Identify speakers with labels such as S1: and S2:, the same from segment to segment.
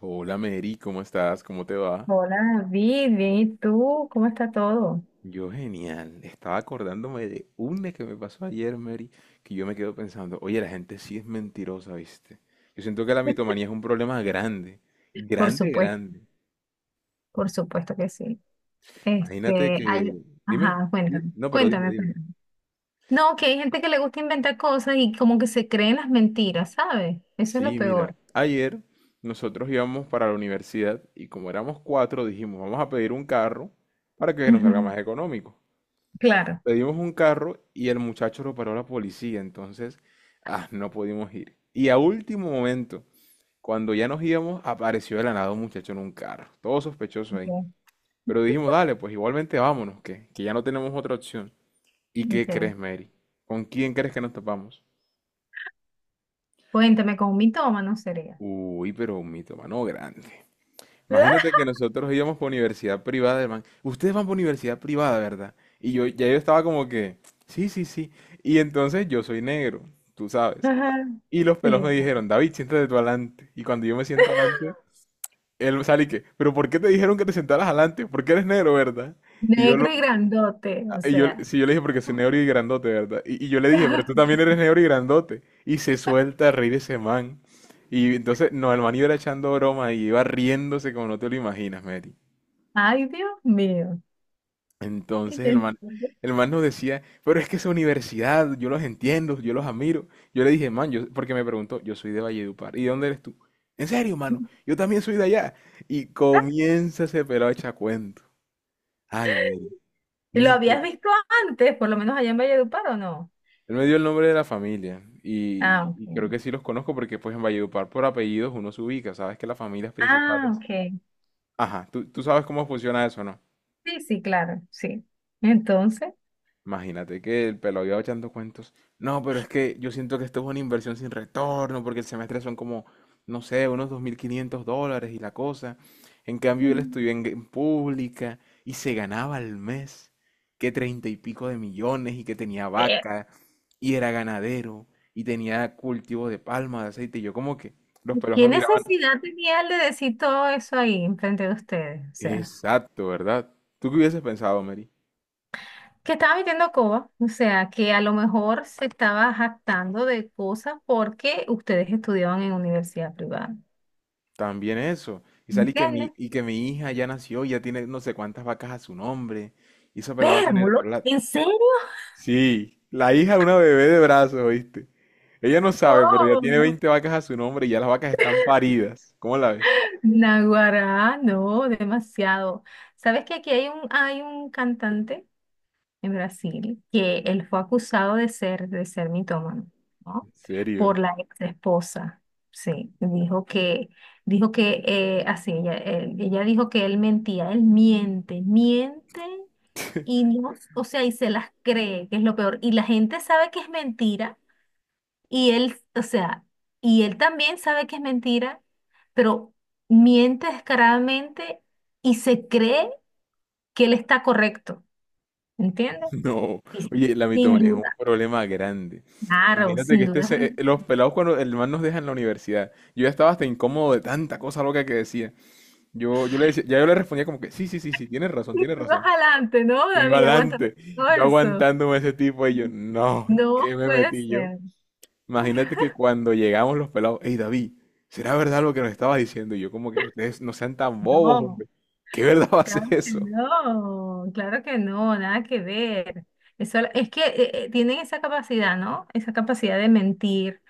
S1: Hola Mary, ¿cómo estás? ¿Cómo te va?
S2: Hola, David, bien, ¿y tú? ¿Cómo está todo?
S1: Yo genial. Estaba acordándome de una que me pasó ayer, Mary, que yo me quedo pensando, oye, la gente sí es mentirosa, ¿viste? Yo siento que la mitomanía es un problema grande,
S2: Por
S1: grande,
S2: supuesto,
S1: grande.
S2: por supuesto que sí.
S1: Imagínate
S2: Este,
S1: que...
S2: hay,
S1: Dime,
S2: ajá,
S1: sí,
S2: cuéntame,
S1: no, pero dime,
S2: cuéntame, pues.
S1: dime.
S2: No, que hay gente que le gusta inventar cosas y como que se creen las mentiras, ¿sabes? Eso es lo
S1: Sí, mira,
S2: peor.
S1: ayer nosotros íbamos para la universidad y como éramos cuatro, dijimos, vamos a pedir un carro para que nos salga
S2: Ujú,
S1: más económico.
S2: claro.
S1: Pedimos un carro y el muchacho lo paró la policía, entonces no pudimos ir. Y a último momento, cuando ya nos íbamos, apareció de la nada un muchacho en un carro, todo sospechoso ahí.
S2: Ok,
S1: Pero dijimos, dale, pues igualmente vámonos, que ya no tenemos otra opción. ¿Y qué
S2: ok.
S1: crees, Mary? ¿Con quién crees que nos topamos?
S2: Cuéntame, con un mitómano sería.
S1: Uy, pero un mitomano grande. Imagínate que nosotros íbamos por universidad privada, hermano. Ustedes van por universidad privada, ¿verdad? Y yo ya yo estaba como que, sí, sí, sí. Y entonces yo soy negro, tú sabes.
S2: Ajá,
S1: Y los pelos me
S2: sí.
S1: dijeron, David, siéntate tú adelante. Y cuando yo me siento adelante, él sale y que, pero ¿por qué te dijeron que te sentaras adelante? Porque eres negro, ¿verdad? Y yo, lo,
S2: Negro y grandote, o
S1: y yo,
S2: sea.
S1: sí, yo le dije, porque soy negro y grandote, ¿verdad? Y yo le dije, pero tú también eres negro y grandote. Y se suelta a reír ese man. Y entonces, no, el man iba echando broma y iba riéndose como no te lo imaginas, Mary.
S2: Ay, Dios mío. Y
S1: Entonces
S2: yo
S1: el man nos decía, pero es que esa universidad, yo los entiendo, yo los admiro. Yo le dije, man, yo, porque me preguntó, yo soy de Valledupar, ¿y de dónde eres tú? En serio, mano, yo también soy de allá. Y comienza ese pelado a echar cuento. Ay, Mary,
S2: ¿Lo
S1: ni
S2: habías
S1: quien-
S2: visto antes, por lo menos allá en Valledupar o no?
S1: Él me dio el nombre de la familia
S2: Ah,
S1: y,
S2: ok.
S1: y creo que sí los conozco porque pues en Valledupar por apellidos uno se ubica, sabes que las familias
S2: Ah,
S1: principales...
S2: ok.
S1: Ajá, tú sabes cómo funciona eso, ¿no?
S2: Sí, sí, claro, sí. Entonces,
S1: Imagínate que el pelo iba echando cuentos. No, pero es que yo siento que esto es una inversión sin retorno, porque el semestre son como, no sé, unos 2.500 dólares y la cosa. En cambio, él
S2: mm,
S1: estudió en pública y se ganaba al mes que treinta y pico de millones y que tenía
S2: eh,
S1: vaca y era ganadero y tenía cultivo de palma, de aceite. Y yo como que los pelos
S2: ¿qué
S1: me miraban.
S2: necesidad tenía él de decir todo eso ahí enfrente de ustedes? O sea,
S1: Exacto, ¿verdad? ¿Tú qué hubieses pensado, Mary?
S2: que estaba metiendo coba, o sea, que a lo mejor se estaba jactando de cosas porque ustedes estudiaban en universidad privada.
S1: También eso. Y salí que mi,
S2: ¿Entiendes?
S1: y que mi hija ya nació, ya tiene no sé cuántas vacas a su nombre. Y esa pelada va a tener
S2: Vérmulo,
S1: plata.
S2: ¿en serio?
S1: Sí, la hija es una bebé de brazos, ¿viste? Ella no sabe, pero ya tiene
S2: Oh,
S1: 20 vacas a su nombre y ya las vacas están paridas. ¿Cómo la ves?
S2: Naguará, no, demasiado. ¿Sabes que aquí hay un cantante en Brasil que él fue acusado de ser mitómano, ¿no?
S1: ¿En serio?
S2: Por la ex esposa. Sí, dijo que, dijo que, así, ella, ella dijo que él mentía, él miente, miente y no, o sea, y se las cree, que es lo peor. Y la gente sabe que es mentira y él, o sea, y él también sabe que es mentira, pero miente descaradamente y se cree que él está correcto, ¿entiendes?
S1: No.
S2: Y
S1: Oye, la
S2: sin
S1: mitomanía es un
S2: duda,
S1: problema grande.
S2: claro,
S1: Imagínate que
S2: sin duda.
S1: los pelados cuando el man nos deja en la universidad. Yo ya estaba hasta incómodo de tanta cosa loca que decía. Yo le decía, ya yo le respondía como que sí, sí, sí, sí, tienes razón, tienes
S2: Más
S1: razón.
S2: adelante, ¿no,
S1: Yo iba
S2: David? Aguántame
S1: adelante,
S2: todo
S1: yo
S2: eso.
S1: aguantándome a ese tipo y yo, no,
S2: No
S1: ¿qué me
S2: puede
S1: metí yo?
S2: ser,
S1: Imagínate que cuando llegamos los pelados, hey David, ¿será verdad lo que nos estabas diciendo? Y yo como que ustedes no sean tan bobos,
S2: no,
S1: hombre. ¿Qué verdad va a ser
S2: claro que
S1: eso?
S2: no, claro que no, nada que ver. Eso, es que tienen esa capacidad, ¿no? Esa capacidad de mentir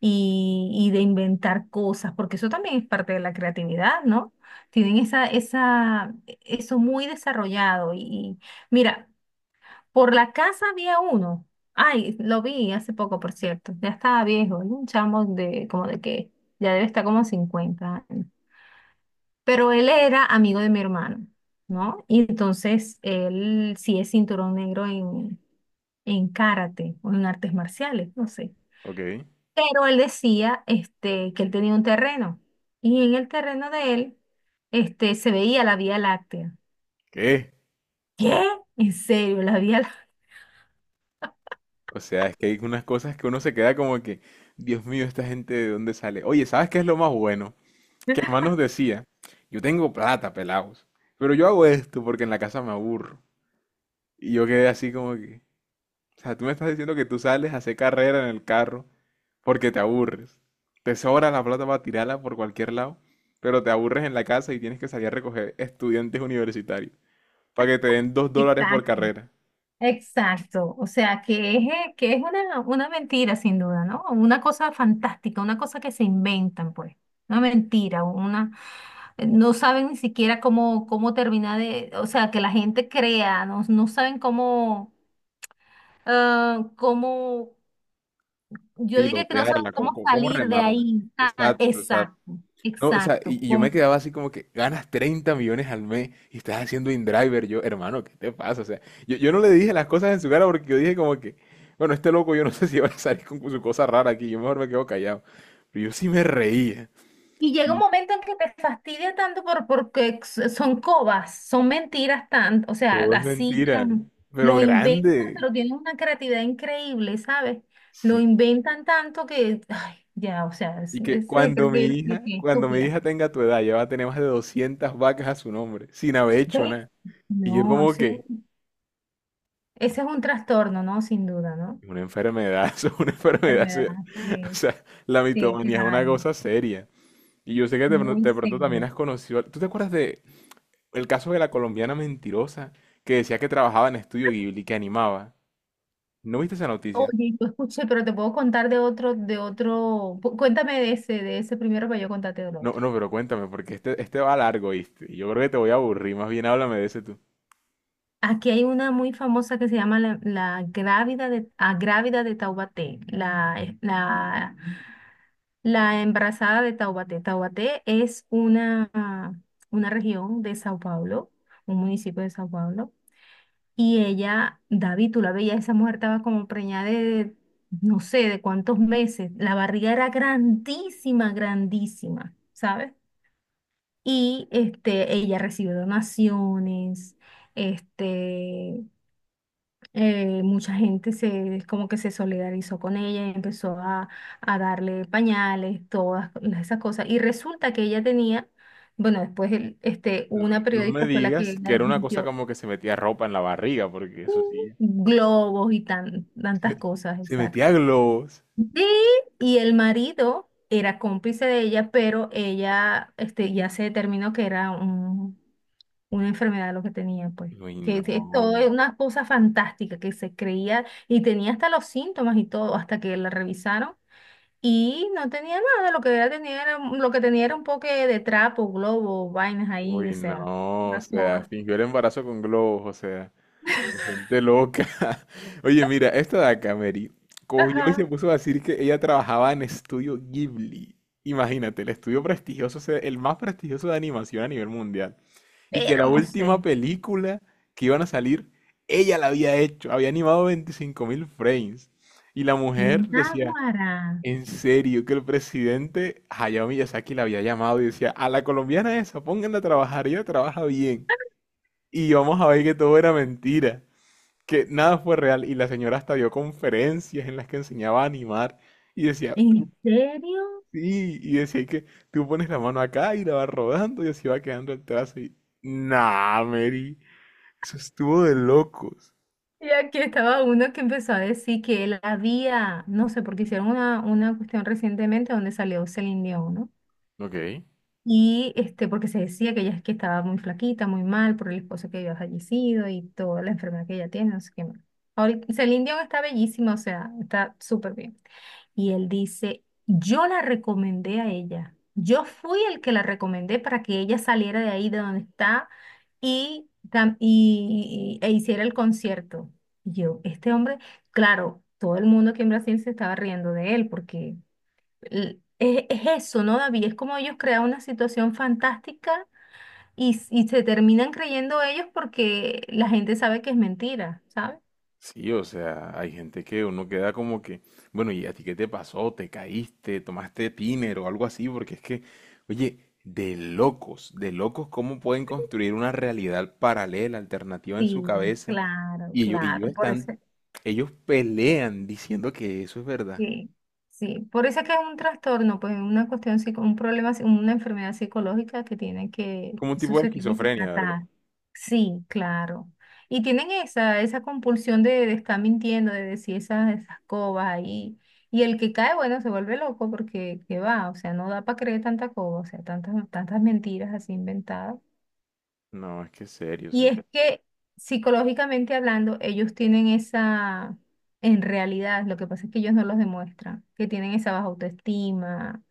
S2: y de inventar cosas, porque eso también es parte de la creatividad, ¿no? Tienen eso muy desarrollado. Y mira, por la casa había uno. Ay, lo vi hace poco, por cierto. Ya estaba viejo, ¿no? Un chamo de como de que ya debe estar como 50 años. Pero él era amigo de mi hermano, ¿no? Y entonces él sí es cinturón negro en karate o en artes marciales, no sé.
S1: Ok,
S2: Pero él decía que él tenía un terreno y en el terreno de él se veía la Vía Láctea.
S1: ¿qué?
S2: ¿Qué? ¿En serio? La Vía
S1: O sea, es que hay unas cosas que uno se queda como que, Dios mío, esta gente de dónde sale. Oye, ¿sabes qué es lo más bueno? Que el man
S2: Láctea.
S1: nos decía, yo tengo plata, pelados, pero yo hago esto porque en la casa me aburro. Y yo quedé así como que... O sea, tú me estás diciendo que tú sales a hacer carrera en el carro porque te aburres. Te sobra la plata para tirarla por cualquier lado, pero te aburres en la casa y tienes que salir a recoger estudiantes universitarios para que te den dos dólares por
S2: Exacto.
S1: carrera.
S2: Exacto. O sea, que es una mentira sin duda, ¿no? Una cosa fantástica, una cosa que se inventan, pues. Una mentira, no saben ni siquiera cómo, cómo terminar de. O sea, que la gente crea, no, no saben cómo. ah, cómo Yo diría que no saben
S1: Pilotearla, cómo,
S2: cómo
S1: cómo- cómo
S2: salir de
S1: remarla.
S2: ahí. Ah,
S1: Exacto, exacto.
S2: exacto,
S1: No, o sea,
S2: exacto.
S1: y yo me quedaba así como que ganas 30 millones al mes y estás haciendo InDriver. Yo, hermano, ¿qué te pasa? O sea, yo no le dije las cosas en su cara porque yo dije como que, bueno, este loco yo no sé si va a salir con su cosa rara aquí, yo mejor me quedo callado. Pero yo sí me reía.
S2: Y llega un
S1: Y
S2: momento en que te fastidia tanto porque son cobas, son mentiras tan, o sea,
S1: todo es
S2: así
S1: mentira,
S2: tan,
S1: pero
S2: lo inventan,
S1: grande.
S2: pero tienen una creatividad increíble, ¿sabes? Lo
S1: Sí.
S2: inventan tanto que, ay, ya, o sea,
S1: Y que
S2: ese
S1: cuando
S2: creo
S1: mi
S2: que yo soy
S1: hija,
S2: bien
S1: cuando mi
S2: estúpida.
S1: hija tenga tu edad, ya va a tener más de 200 vacas a su nombre, sin haber hecho
S2: ¿Ves?
S1: nada. Y yo
S2: No,
S1: como
S2: ese,
S1: que,
S2: ese es un trastorno, ¿no? Sin duda, ¿no?
S1: una enfermedad, eso es una enfermedad
S2: Enfermedad,
S1: seria. O
S2: sí,
S1: sea, la
S2: sí,
S1: mitomanía es una
S2: claro,
S1: cosa seria. Y yo sé que de, pro-
S2: muy
S1: de pronto también
S2: seria.
S1: has conocido. ¿Tú te acuerdas de el caso de la colombiana mentirosa que decía que trabajaba en Estudio Ghibli, que animaba? ¿No viste esa noticia?
S2: Oye, yo escuché, pero te puedo contar de otro, cuéntame de ese primero para yo contarte del
S1: No,
S2: otro.
S1: no, pero cuéntame, porque este va largo, ¿viste? Y yo creo que te voy a aburrir, más bien háblame de ese tú.
S2: Aquí hay una muy famosa que se llama la grávida de Taubaté, la embarazada de Taubaté. Taubaté es una región de Sao Paulo, un municipio de Sao Paulo, y ella, David, tú la veías, esa mujer estaba como preñada no sé, de cuántos meses, la barriga era grandísima, grandísima. ¿Sabes? Y ella recibe donaciones, este, mucha gente como que se solidarizó con ella y empezó a darle pañales, todas esas cosas. Y resulta que ella tenía, bueno, después
S1: No,
S2: una
S1: no me
S2: periodista fue la que
S1: digas
S2: la
S1: que era una cosa
S2: desmintió,
S1: como que se metía ropa en la barriga, porque eso sí.
S2: globos y tan,
S1: Se,
S2: tantas cosas,
S1: se
S2: exacto.
S1: metía globos.
S2: Sí, y el marido era cómplice de ella, pero ella ya se determinó que era un una enfermedad lo que tenía, pues.
S1: Uy,
S2: Que es
S1: no.
S2: es todo es una cosa fantástica que se creía y tenía hasta los síntomas y todo, hasta que la revisaron y no tenía nada, lo que era, lo que tenía era un poco de trapo, globo, vainas ahí, o
S1: Uy,
S2: sea,
S1: no, o
S2: una
S1: sea,
S2: coa.
S1: fingió el embarazo con globos, o sea, hay gente loca. Oye, mira, esta de acá, Mary, cogió y se
S2: Ajá.
S1: puso a decir que ella trabajaba en Estudio Ghibli. Imagínate, el estudio prestigioso, o sea, el más prestigioso de animación a nivel mundial. Y que la
S2: Hermosa.
S1: última película que iban a salir, ella la había hecho, había animado 25.000 frames. Y la mujer decía,
S2: Náguara.
S1: en serio, que el presidente Hayao Miyazaki la había llamado y decía, a la colombiana esa, pónganla a trabajar, ella trabaja bien. Y vamos a ver que todo era mentira, que nada fue real. Y la señora hasta dio conferencias en las que enseñaba a animar y decía, "
S2: ¿En serio?
S1: sí, y decía que tú pones la mano acá y la vas rodando y así va quedando el trazo. Y, nah, Mary, eso estuvo de locos.
S2: Y aquí estaba uno que empezó a decir que él había, no sé, porque hicieron una cuestión recientemente donde salió Celine Dion, ¿no?
S1: Ok.
S2: Y porque se decía que ella es que estaba muy flaquita, muy mal por el esposo que había fallecido y toda la enfermedad que ella tiene, no sé qué más. Ahorita, Celine Dion está bellísima, o sea, está súper bien. Y él dice, yo la recomendé a ella. Yo fui el que la recomendé para que ella saliera de ahí de donde está e hiciera el concierto. Y yo, este hombre, claro, todo el mundo aquí en Brasil se estaba riendo de él porque es eso, ¿no, David? Es como ellos crean una situación fantástica y se terminan creyendo ellos porque la gente sabe que es mentira, ¿sabes?
S1: Sí, o sea, hay gente que uno queda como que, bueno, ¿y a ti qué te pasó? ¿Te caíste? ¿Tomaste tiner o algo así? Porque es que, oye, de locos, ¿cómo pueden construir una realidad paralela, alternativa en su
S2: Sí,
S1: cabeza?
S2: claro,
S1: Y ellos, y
S2: claro.
S1: ellos
S2: Por eso,
S1: están, ellos pelean diciendo que eso es verdad.
S2: sí, sí. Por eso es que es un trastorno, pues una cuestión, un problema, una enfermedad psicológica que tiene que,
S1: Como un
S2: eso
S1: tipo de
S2: se tiene que
S1: esquizofrenia, ¿verdad?
S2: tratar. Sí, claro. Y tienen esa, esa compulsión de estar mintiendo, de decir esas, esas cobas ahí. Y el que cae, bueno, se vuelve loco porque, ¿qué va? O sea, no da para creer tanta coba, o sea, tantas, tantas mentiras así inventadas.
S1: No, es que es serio, o
S2: Y
S1: sea.
S2: es que psicológicamente hablando, ellos tienen en realidad, lo que pasa es que ellos no los demuestran, que tienen esa baja autoestima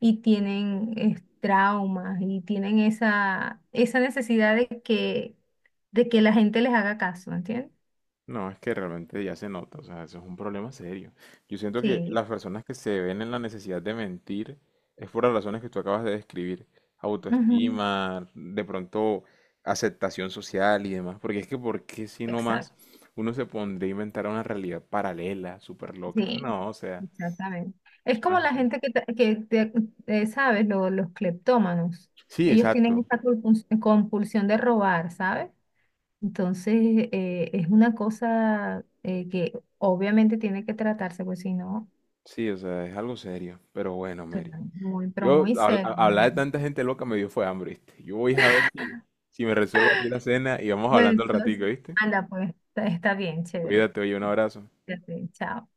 S2: y tienen traumas y tienen esa, esa necesidad de que la gente les haga caso, ¿entiendes?
S1: No, es que realmente ya se nota, o sea, eso es un problema serio. Yo siento que
S2: Sí,
S1: las personas que se ven en la necesidad de mentir es por las razones que tú acabas de describir,
S2: ujú,
S1: autoestima, de pronto aceptación social y demás, porque es que ¿por qué si no más
S2: exacto,
S1: uno se pondría a inventar una realidad paralela, súper loca?
S2: sí,
S1: No, o sea,
S2: exactamente. Es
S1: eso no
S2: como
S1: es
S2: la
S1: así.
S2: gente que, ¿sabes? Los cleptómanos.
S1: Sí,
S2: Ellos tienen
S1: exacto,
S2: esa compulsión de robar, ¿sabes? Entonces, es una cosa que obviamente tiene que tratarse, pues si no,
S1: sí, o sea, es algo serio, pero bueno,
S2: suena
S1: Mary,
S2: muy, pero muy serio.
S1: Hablar de tanta gente loca me dio fue hambre, ¿viste? Yo voy a ver si me resuelvo aquí la cena y vamos
S2: Bueno,
S1: hablando al
S2: entonces,
S1: ratico, ¿viste?
S2: anda, pues está bien, chévere.
S1: Cuídate, oye, un abrazo.
S2: Ya sé, chao.